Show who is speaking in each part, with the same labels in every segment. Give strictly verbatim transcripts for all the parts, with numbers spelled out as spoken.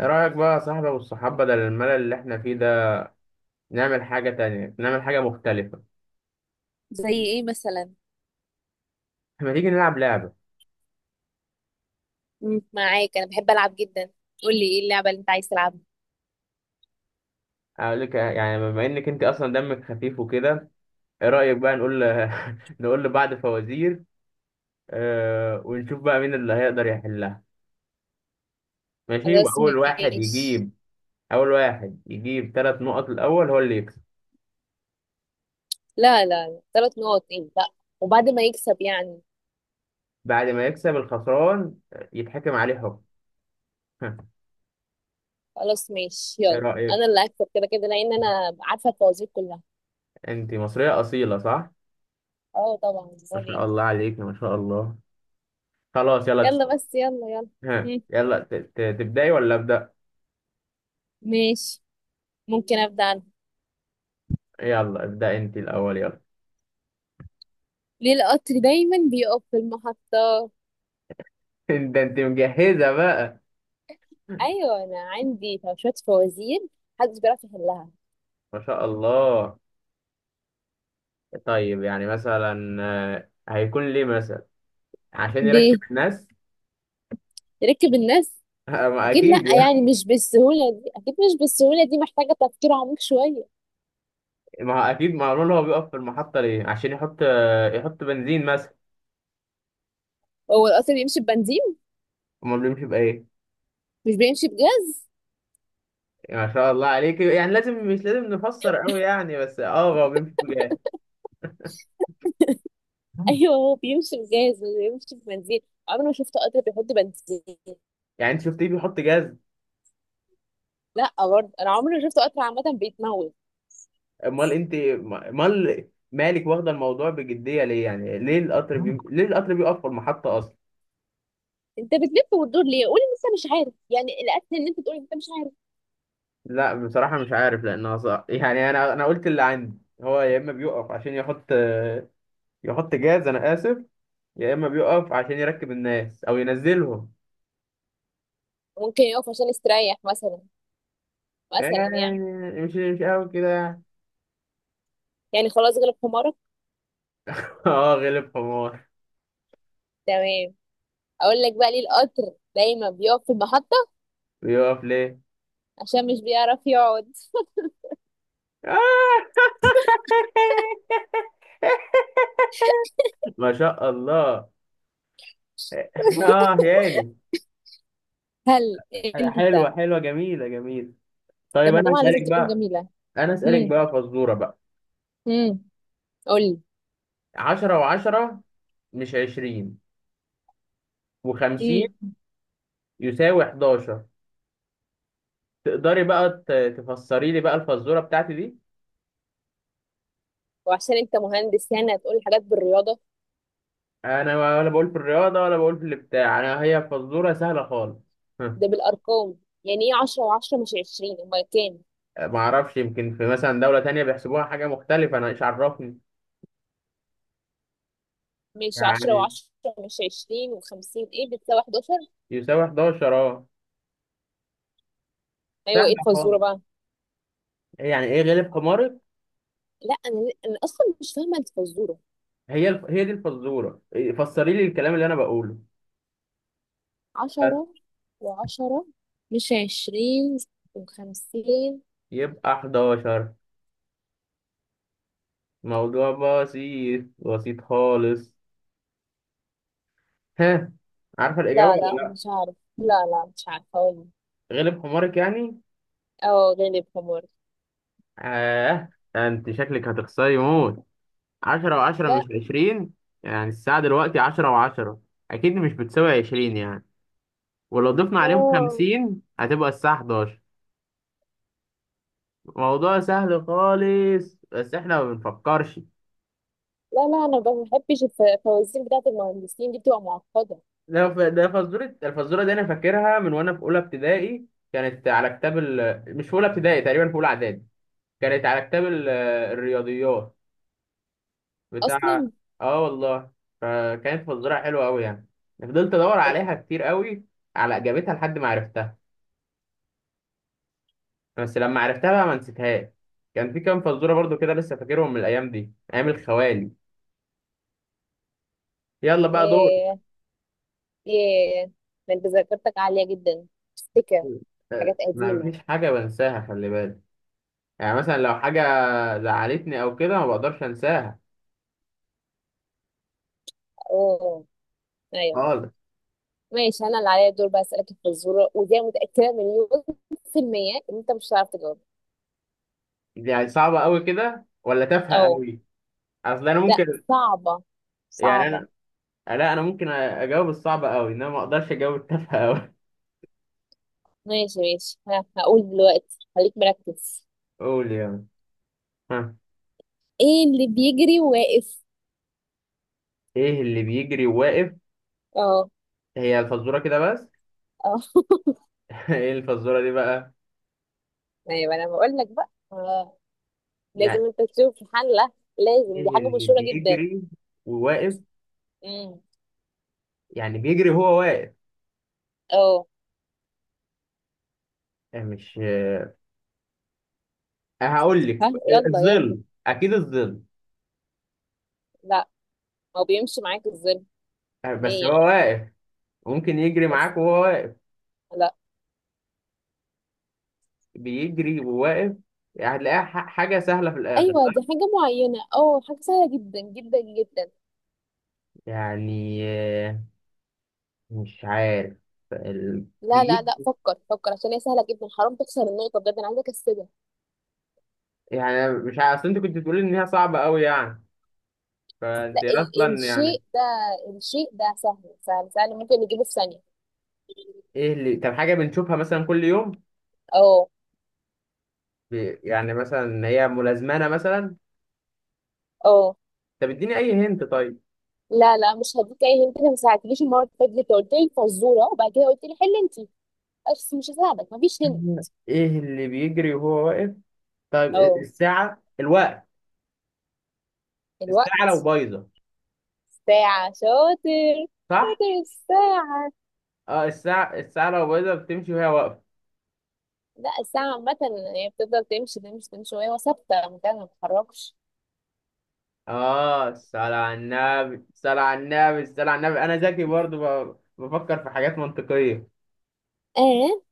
Speaker 1: ايه رأيك بقى يا صاحبي والصحاب بدل الملل اللي احنا فيه ده، نعمل حاجة تانية، نعمل حاجة مختلفة.
Speaker 2: زي ايه مثلا؟
Speaker 1: ما تيجي نلعب لعبة.
Speaker 2: مم. معاك، انا بحب العب جدا. قول لي ايه اللعبه اللي انت عايز تلعبها.
Speaker 1: اقول لك، يعني بما انك انت اصلا دمك خفيف وكده، ايه رأيك بقى نقول نقول لبعض فوازير. آه ونشوف بقى مين اللي هيقدر يحلها. ماشي،
Speaker 2: خلاص
Speaker 1: واول واحد
Speaker 2: ماشي.
Speaker 1: يجيب اول واحد يجيب ثلاث نقط الاول هو اللي يكسب.
Speaker 2: لا لا لا، ثلاث نقط ايه؟ لا، وبعد ما يكسب يعني؟
Speaker 1: بعد ما يكسب الخسران يتحكم عليه حكم.
Speaker 2: خلاص ماشي
Speaker 1: ايه
Speaker 2: يلا.
Speaker 1: رأيك؟
Speaker 2: انا اللي هكسب كده كده لان انا عارفه الفوازير كلها.
Speaker 1: انت مصرية أصيلة، صح؟
Speaker 2: اه طبعا،
Speaker 1: ما
Speaker 2: امال
Speaker 1: شاء
Speaker 2: ايه.
Speaker 1: الله عليك، ما شاء الله. خلاص، يلا.
Speaker 2: يلا بس يلا يلا.
Speaker 1: ها
Speaker 2: مم.
Speaker 1: يلا، ت- ت- تبدأي ولا أبدأ؟
Speaker 2: ماشي، ممكن ابدا انا.
Speaker 1: يلا ابدأ انت الأول، يلا.
Speaker 2: ليه القطر دايما بيقف في المحطه؟
Speaker 1: ده انت مجهزة بقى،
Speaker 2: ايوه انا عندي شويه فوازير محدش بيعرف يحلها.
Speaker 1: ما شاء الله. طيب يعني مثلا، آه، هيكون ليه مثلا؟ عشان يركب
Speaker 2: ليه؟
Speaker 1: الناس.
Speaker 2: ركب الناس؟
Speaker 1: آه، ما
Speaker 2: اكيد لا،
Speaker 1: اكيد يعني.
Speaker 2: يعني مش بالسهوله دي، اكيد مش بالسهوله دي، محتاجه تفكير عميق شويه.
Speaker 1: ما هو اكيد معلوم، هو بيقف في المحطة ليه؟ عشان يحط، آه، يحط بنزين مثلا.
Speaker 2: هو القطر بيمشي ببنزين؟
Speaker 1: امال بيمشي بايه؟
Speaker 2: مش بيمشي بجاز؟
Speaker 1: ما شاء الله عليك، يعني لازم مش لازم نفسر قوي يعني، بس اه هو بيمشي بجاز.
Speaker 2: ايوه هو بيمشي بجاز مش بيمشي ببنزين. عمري ما شفت قطر بيحط بنزين.
Speaker 1: يعني انت شفتيه بيحط جاز؟
Speaker 2: لا برضه انا عمري ما شفت قطر عامه بيتموت.
Speaker 1: امال انت، امال مالك واخده الموضوع بجديه ليه؟ يعني ليه القطر بي... ليه القطر بيقف في المحطه اصلا؟
Speaker 2: انت بتلف وتدور ليه؟ قولي ان انت مش عارف، يعني الاكل ان انت تقولي انت مش عارف.
Speaker 1: لا بصراحه مش عارف، لانها صح يعني، انا انا قلت اللي عندي هو يا اما بيقف عشان يحط يحط جاز، انا اسف، يا اما بيقف عشان يركب الناس او ينزلهم.
Speaker 2: ممكن يقف عشان يستريح مثلا، مثلا
Speaker 1: يعني
Speaker 2: يعني.
Speaker 1: مش مش قوي كده يعني.
Speaker 2: يعني خلاص غلب حمارك.
Speaker 1: اه غلب حمار.
Speaker 2: تمام. اقول لك بقى ليه القطر دايما بيقف في المحطه؟
Speaker 1: بيقف ليه؟
Speaker 2: عشان مش بيعرف يقعد.
Speaker 1: ما شاء الله. اه يعني،
Speaker 2: هل
Speaker 1: حلوه
Speaker 2: انت؟
Speaker 1: حلوه، جميله جميله. طيب
Speaker 2: لما
Speaker 1: انا
Speaker 2: طبعا لازم
Speaker 1: اسالك
Speaker 2: تكون
Speaker 1: بقى،
Speaker 2: جميلة.
Speaker 1: انا اسالك
Speaker 2: هم،
Speaker 1: بقى فزوره بقى:
Speaker 2: هم، قولي.
Speaker 1: عشرة و10 مش عشرين و50
Speaker 2: هم.
Speaker 1: يساوي حداشر. تقدري بقى ت- تفسري لي بقى الفزوره بتاعتي دي؟
Speaker 2: وعشان انت مهندس يعني هتقول حاجات بالرياضة؟
Speaker 1: انا ولا بقول في الرياضه ولا بقول في البتاع، انا هي فزوره سهله خالص.
Speaker 2: ده بالأرقام؟ يعني ايه عشرة وعشرة مش عشرين أمال كام؟
Speaker 1: ما اعرفش، يمكن في مثلا دوله تانية بيحسبوها حاجه مختلفه، انا ايش عرفني.
Speaker 2: ماشي، عشرة
Speaker 1: يعني
Speaker 2: وعشرة مش عشرين وخمسين ايه بتساوي حداشر؟
Speaker 1: يساوي أحد عشر اه.
Speaker 2: أيوة ايه
Speaker 1: سهله
Speaker 2: الفزورة
Speaker 1: خالص.
Speaker 2: بقى؟
Speaker 1: يعني ايه غلب حمارك.
Speaker 2: لا، أنا أنا أصلا مش فاهمة الفزورة.
Speaker 1: هي الف... هي دي الفزوره إيه، فسري لي الكلام اللي انا بقوله بس.
Speaker 2: عشرة وعشرة مش عشرين وخمسين.
Speaker 1: يبقى أحد عشر. موضوع بسيط، بسيط خالص. ها، عارفة الإجابة
Speaker 2: لا لا
Speaker 1: ولا لأ؟
Speaker 2: مش عارف، لا لا مش عارفة أقول.
Speaker 1: غلب حمارك يعني؟
Speaker 2: اه غالب حمار.
Speaker 1: آه. أنت شكلك هتخسري موت. عشرة وعشرة
Speaker 2: لا.
Speaker 1: مش عشرين يعني الساعة دلوقتي عشرة وعشرة أكيد مش بتساوي عشرين يعني، ولو ضفنا عليهم
Speaker 2: اه
Speaker 1: خمسين هتبقى الساعة حداشر. موضوع سهل خالص، بس إحنا ما بنفكرش.
Speaker 2: لا لا انا ما بحبش الف- الفوازير بتاعت المهندسين دي بتبقى معقده
Speaker 1: ده ف- ده فزورة، الفزورة دي أنا فاكرها من وأنا في أولى ابتدائي. كانت على كتاب ال... مش في أولى ابتدائي، تقريبا في أولى إعدادي. كانت على كتاب ال- الرياضيات بتاع.
Speaker 2: اصلا.
Speaker 1: اه والله. فكانت فزوره حلوه قوي يعني، فضلت ادور عليها كتير قوي على اجابتها لحد ما عرفتها، بس لما عرفتها بقى ما نسيتهاش. كان في كام فزوره برضو كده لسه فاكرهم من الايام دي، ايام الخوالي. يلا بقى دور.
Speaker 2: ياه، ياه، ده انت ذاكرتك عاليه جدا. تفتكر حاجات
Speaker 1: آه، ما
Speaker 2: قديمه؟
Speaker 1: فيش حاجه بنساها، خلي بالك. يعني مثلا لو حاجه زعلتني او كده ما بقدرش انساها
Speaker 2: اوه، ايوه.
Speaker 1: خالص.
Speaker 2: ماشي، انا اللي عليا الدور بقى اسالك الفزوره، ودي أنا متاكده مليون في الميه ان انت مش هتعرف تجاوب.
Speaker 1: يعني صعبه قوي كده ولا تافهه
Speaker 2: اه.
Speaker 1: قوي؟ اصل انا
Speaker 2: لا
Speaker 1: ممكن،
Speaker 2: صعبه، صعبه.
Speaker 1: يعني لا انا ممكن اجاوب الصعب قوي، انما ما اقدرش اجاوب التافهه قوي.
Speaker 2: ماشي ماشي، ها هقول دلوقتي خليك مركز.
Speaker 1: قول، يلا. ها.
Speaker 2: ايه اللي بيجري واقف؟
Speaker 1: ايه اللي بيجري وواقف؟
Speaker 2: اه.
Speaker 1: هي الفزوره كده بس.
Speaker 2: اه.
Speaker 1: ايه الفزوره دي بقى؟
Speaker 2: ايوه انا بقول لك بقى. آه. لازم
Speaker 1: يعني
Speaker 2: انت تشوف حلة. لازم، دي
Speaker 1: ايه
Speaker 2: حاجة
Speaker 1: اللي
Speaker 2: مشهورة جدا.
Speaker 1: بيجري وواقف؟
Speaker 2: امم،
Speaker 1: يعني بيجري هو واقف.
Speaker 2: اه.
Speaker 1: أه، مش أه، هقول لك،
Speaker 2: ها يلا يلا.
Speaker 1: الظل اكيد، الظل.
Speaker 2: لا، هو بيمشي معاك الظل؟
Speaker 1: أه، بس هو
Speaker 2: هنية؟
Speaker 1: واقف. ممكن يجري
Speaker 2: بس،
Speaker 1: معاك وهو واقف.
Speaker 2: لا.
Speaker 1: بيجري وواقف. يعني هتلاقيها ح- حاجه سهله في الاخر،
Speaker 2: ايوه دي
Speaker 1: صح؟
Speaker 2: حاجة معينة، اه حاجة سهلة جدا جدا جدا.
Speaker 1: يعني آه، مش عارف. ال-
Speaker 2: لا لا لا،
Speaker 1: بيجري.
Speaker 2: فكر فكر عشان هي سهلة جدا، حرام تخسر النقطة بجد انا عايزة اكسبها.
Speaker 1: يعني أنا مش عارف، اصل انت كنت بتقولي ان هي صعبه قوي يعني، فانت
Speaker 2: لا، ال
Speaker 1: اصلا يعني.
Speaker 2: الشيء ده، الشيء ده سهل سهل سهل ممكن نجيبه في ثانية.
Speaker 1: ايه اللي، طب حاجه بنشوفها مثلا كل يوم؟
Speaker 2: اه.
Speaker 1: ب- يعني مثلا هي ملازمانه مثلا.
Speaker 2: اه.
Speaker 1: طب اديني اي هنت طيب.
Speaker 2: لا لا مش هديك اي هنت، انا ما ساعدتنيش المرة اللي فاتت، انت قلت لي فزورة وبعد كده قلت لي حل انت، بس مش هساعدك مفيش هنت.
Speaker 1: ايه اللي بيجري وهو واقف؟ طيب إيه،
Speaker 2: اه
Speaker 1: الساعه، الوقت، الساعه
Speaker 2: الوقت،
Speaker 1: لو بايظه.
Speaker 2: ساعة شاطر.
Speaker 1: صح،
Speaker 2: شاطر الساعة.
Speaker 1: اه الساعه، الساعه لو بايظه بتمشي وهي واقفه.
Speaker 2: لا الساعة عامة، هي بتفضل تمشي تمشي تمشي وهي ثابتة مكانها ما بتتحركش.
Speaker 1: اه، الصلاة على النبي، الصلاة على النبي، الصلاة على النبي. انا ذكي برضو ب- بفكر في حاجات منطقيه.
Speaker 2: اه،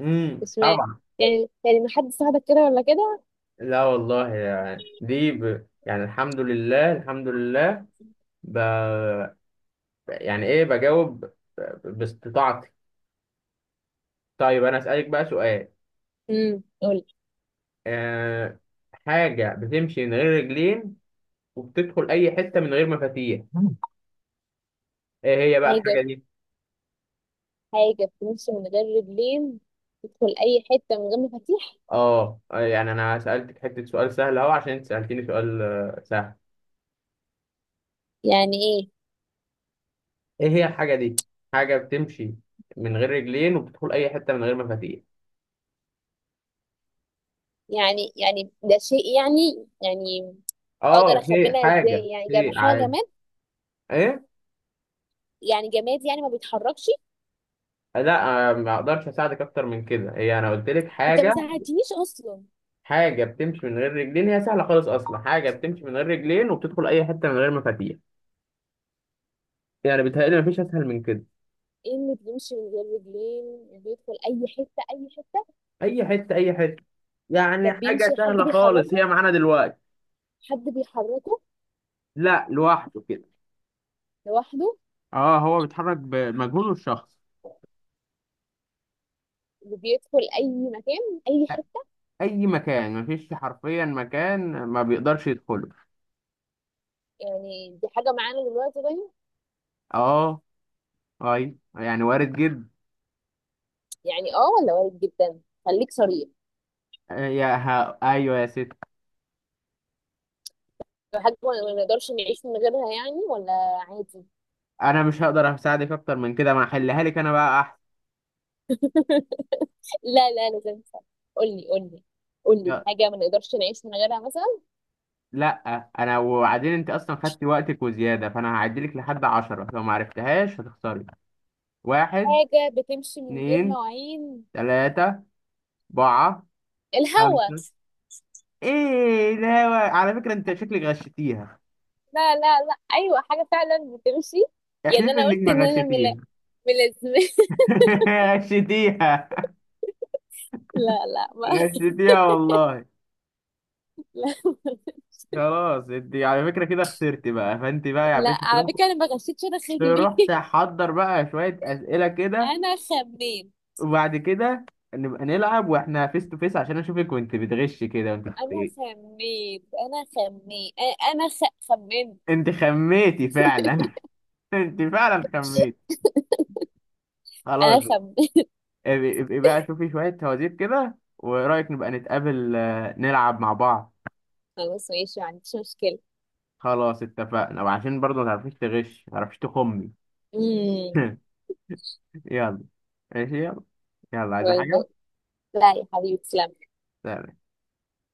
Speaker 1: امم
Speaker 2: مش ما،
Speaker 1: طبعا.
Speaker 2: يعني يعني ما حد ساعدك كده ولا كده.
Speaker 1: لا والله يعني دي ب... يعني الحمد لله، الحمد لله. ب... يعني ايه بجاوب ب- باستطاعتي. طيب انا اسالك بقى سؤال.
Speaker 2: امم، قول.
Speaker 1: أه... حاجه بتمشي من غير رجلين وبتدخل اي حته من غير مفاتيح. ايه هي بقى
Speaker 2: حاجة،
Speaker 1: الحاجه دي؟
Speaker 2: حاجة بتمشي من غير رجلين تدخل أي حتة من غير مفاتيح؟
Speaker 1: اه، آه، يعني انا سالتك حته سؤال سهل اهو، عشان انت سالتيني سؤال آه، سهل.
Speaker 2: يعني ايه؟
Speaker 1: ايه هي الحاجه دي؟ حاجه بتمشي من غير رجلين وبتدخل اي حته من غير مفاتيح.
Speaker 2: يعني يعني ده شيء يعني يعني اقدر
Speaker 1: اه، هي
Speaker 2: اخبيها ازاي؟
Speaker 1: حاجه،
Speaker 2: يعني جم
Speaker 1: هي
Speaker 2: حاجه،
Speaker 1: عادي.
Speaker 2: جماد؟
Speaker 1: ايه
Speaker 2: يعني جماد يعني ما بيتحركش.
Speaker 1: لا، آه، ما اقدرش اساعدك اكتر من كده، هي انا قلت لك
Speaker 2: انت ما
Speaker 1: حاجه،
Speaker 2: ساعدتنيش اصلا.
Speaker 1: حاجه بتمشي من غير رجلين، هي سهله خالص اصلا، حاجه بتمشي من غير رجلين وبتدخل اي حته من غير مفاتيح، يعني بيتهيألي مفيش اسهل من كده.
Speaker 2: ايه اللي بيمشي من غير رجلين بيدخل اي حته اي حته؟
Speaker 1: اي حته، اي حته.
Speaker 2: ده
Speaker 1: يعني
Speaker 2: بيمشي
Speaker 1: حاجه
Speaker 2: حد
Speaker 1: سهله خالص، هي
Speaker 2: بيحركه؟
Speaker 1: معانا دلوقتي.
Speaker 2: حد بيحركه؟
Speaker 1: لا لوحده كده.
Speaker 2: لوحده؟
Speaker 1: اه هو بيتحرك بمجهوده الشخص.
Speaker 2: وبيدخل اي مكان اي حته؟
Speaker 1: اي مكان، مفيش حرفيا مكان ما بيقدرش يدخله.
Speaker 2: يعني دي حاجه معانا دلوقتي طيب؟
Speaker 1: اه، اي يعني وارد جدا.
Speaker 2: يعني اه ولا وارد جدا؟ خليك صريح،
Speaker 1: آه، يا ها ايوه يا ست.
Speaker 2: لو حاجه ما ما نقدرش نعيش من غيرها يعني، ولا عادي؟
Speaker 1: انا مش هقدر اساعدك اكتر من كده، ما احلها لك انا بقى احسن.
Speaker 2: لا لا لازم أسأل. قولي، قولي، قولي
Speaker 1: يا-
Speaker 2: حاجه ما نقدرش نعيش من غيرها مثلا.
Speaker 1: لا. انا وبعدين انت اصلا خدتي وقتك وزياده، فانا هعدلك لحد عشرة، لو ما عرفتهاش هتخسري. واحد،
Speaker 2: حاجه بتمشي من غير
Speaker 1: اتنين،
Speaker 2: مواعين.
Speaker 1: تلاته، اربعه،
Speaker 2: الهوا.
Speaker 1: خمسه. ايه، لا. على فكره انت شكلك غشيتيها.
Speaker 2: لا لا لا، ايوه حاجه فعلا بتمشي. يعني
Speaker 1: احلف
Speaker 2: انا
Speaker 1: انك
Speaker 2: قلت ان
Speaker 1: ما
Speaker 2: انا ملا،
Speaker 1: غشيتيها.
Speaker 2: ملازمه.
Speaker 1: غشيتيها.
Speaker 2: لا، لا ما
Speaker 1: غشيتيها والله.
Speaker 2: لا،
Speaker 1: خلاص، انت على فكره كده خسرتي بقى، فانت بقى يا
Speaker 2: لا
Speaker 1: باشا
Speaker 2: على
Speaker 1: تروح،
Speaker 2: فكره انا ما غشيتش، انا خميت.
Speaker 1: تروح تحضر بقى شويه اسئله كده،
Speaker 2: انا خميت،
Speaker 1: وبعد كده نبقى نلعب واحنا فيس تو فيس عشان اشوفك وانت بتغش كده وانت بت-
Speaker 2: انا
Speaker 1: إيه.
Speaker 2: خميت، انا خميت، انا خ... خمنت.
Speaker 1: انت خميتي فعلا. انت فعلا خميتي. خلاص،
Speaker 2: انا خمنت.
Speaker 1: ابقي ابقي بقى شوفي شوية فوازير كده، ورأيك نبقى نتقابل، آه، نلعب مع بعض.
Speaker 2: خلاص ماشي ما عنديش مشكله.
Speaker 1: خلاص اتفقنا، وعشان برضه ما تعرفيش تغش، ما تعرفيش تخمي.
Speaker 2: امم.
Speaker 1: يلا. ماشي، يلا. يلا، عايزة
Speaker 2: باي
Speaker 1: حاجة؟
Speaker 2: باي. لا يا حبيبي تسلم.
Speaker 1: سلام.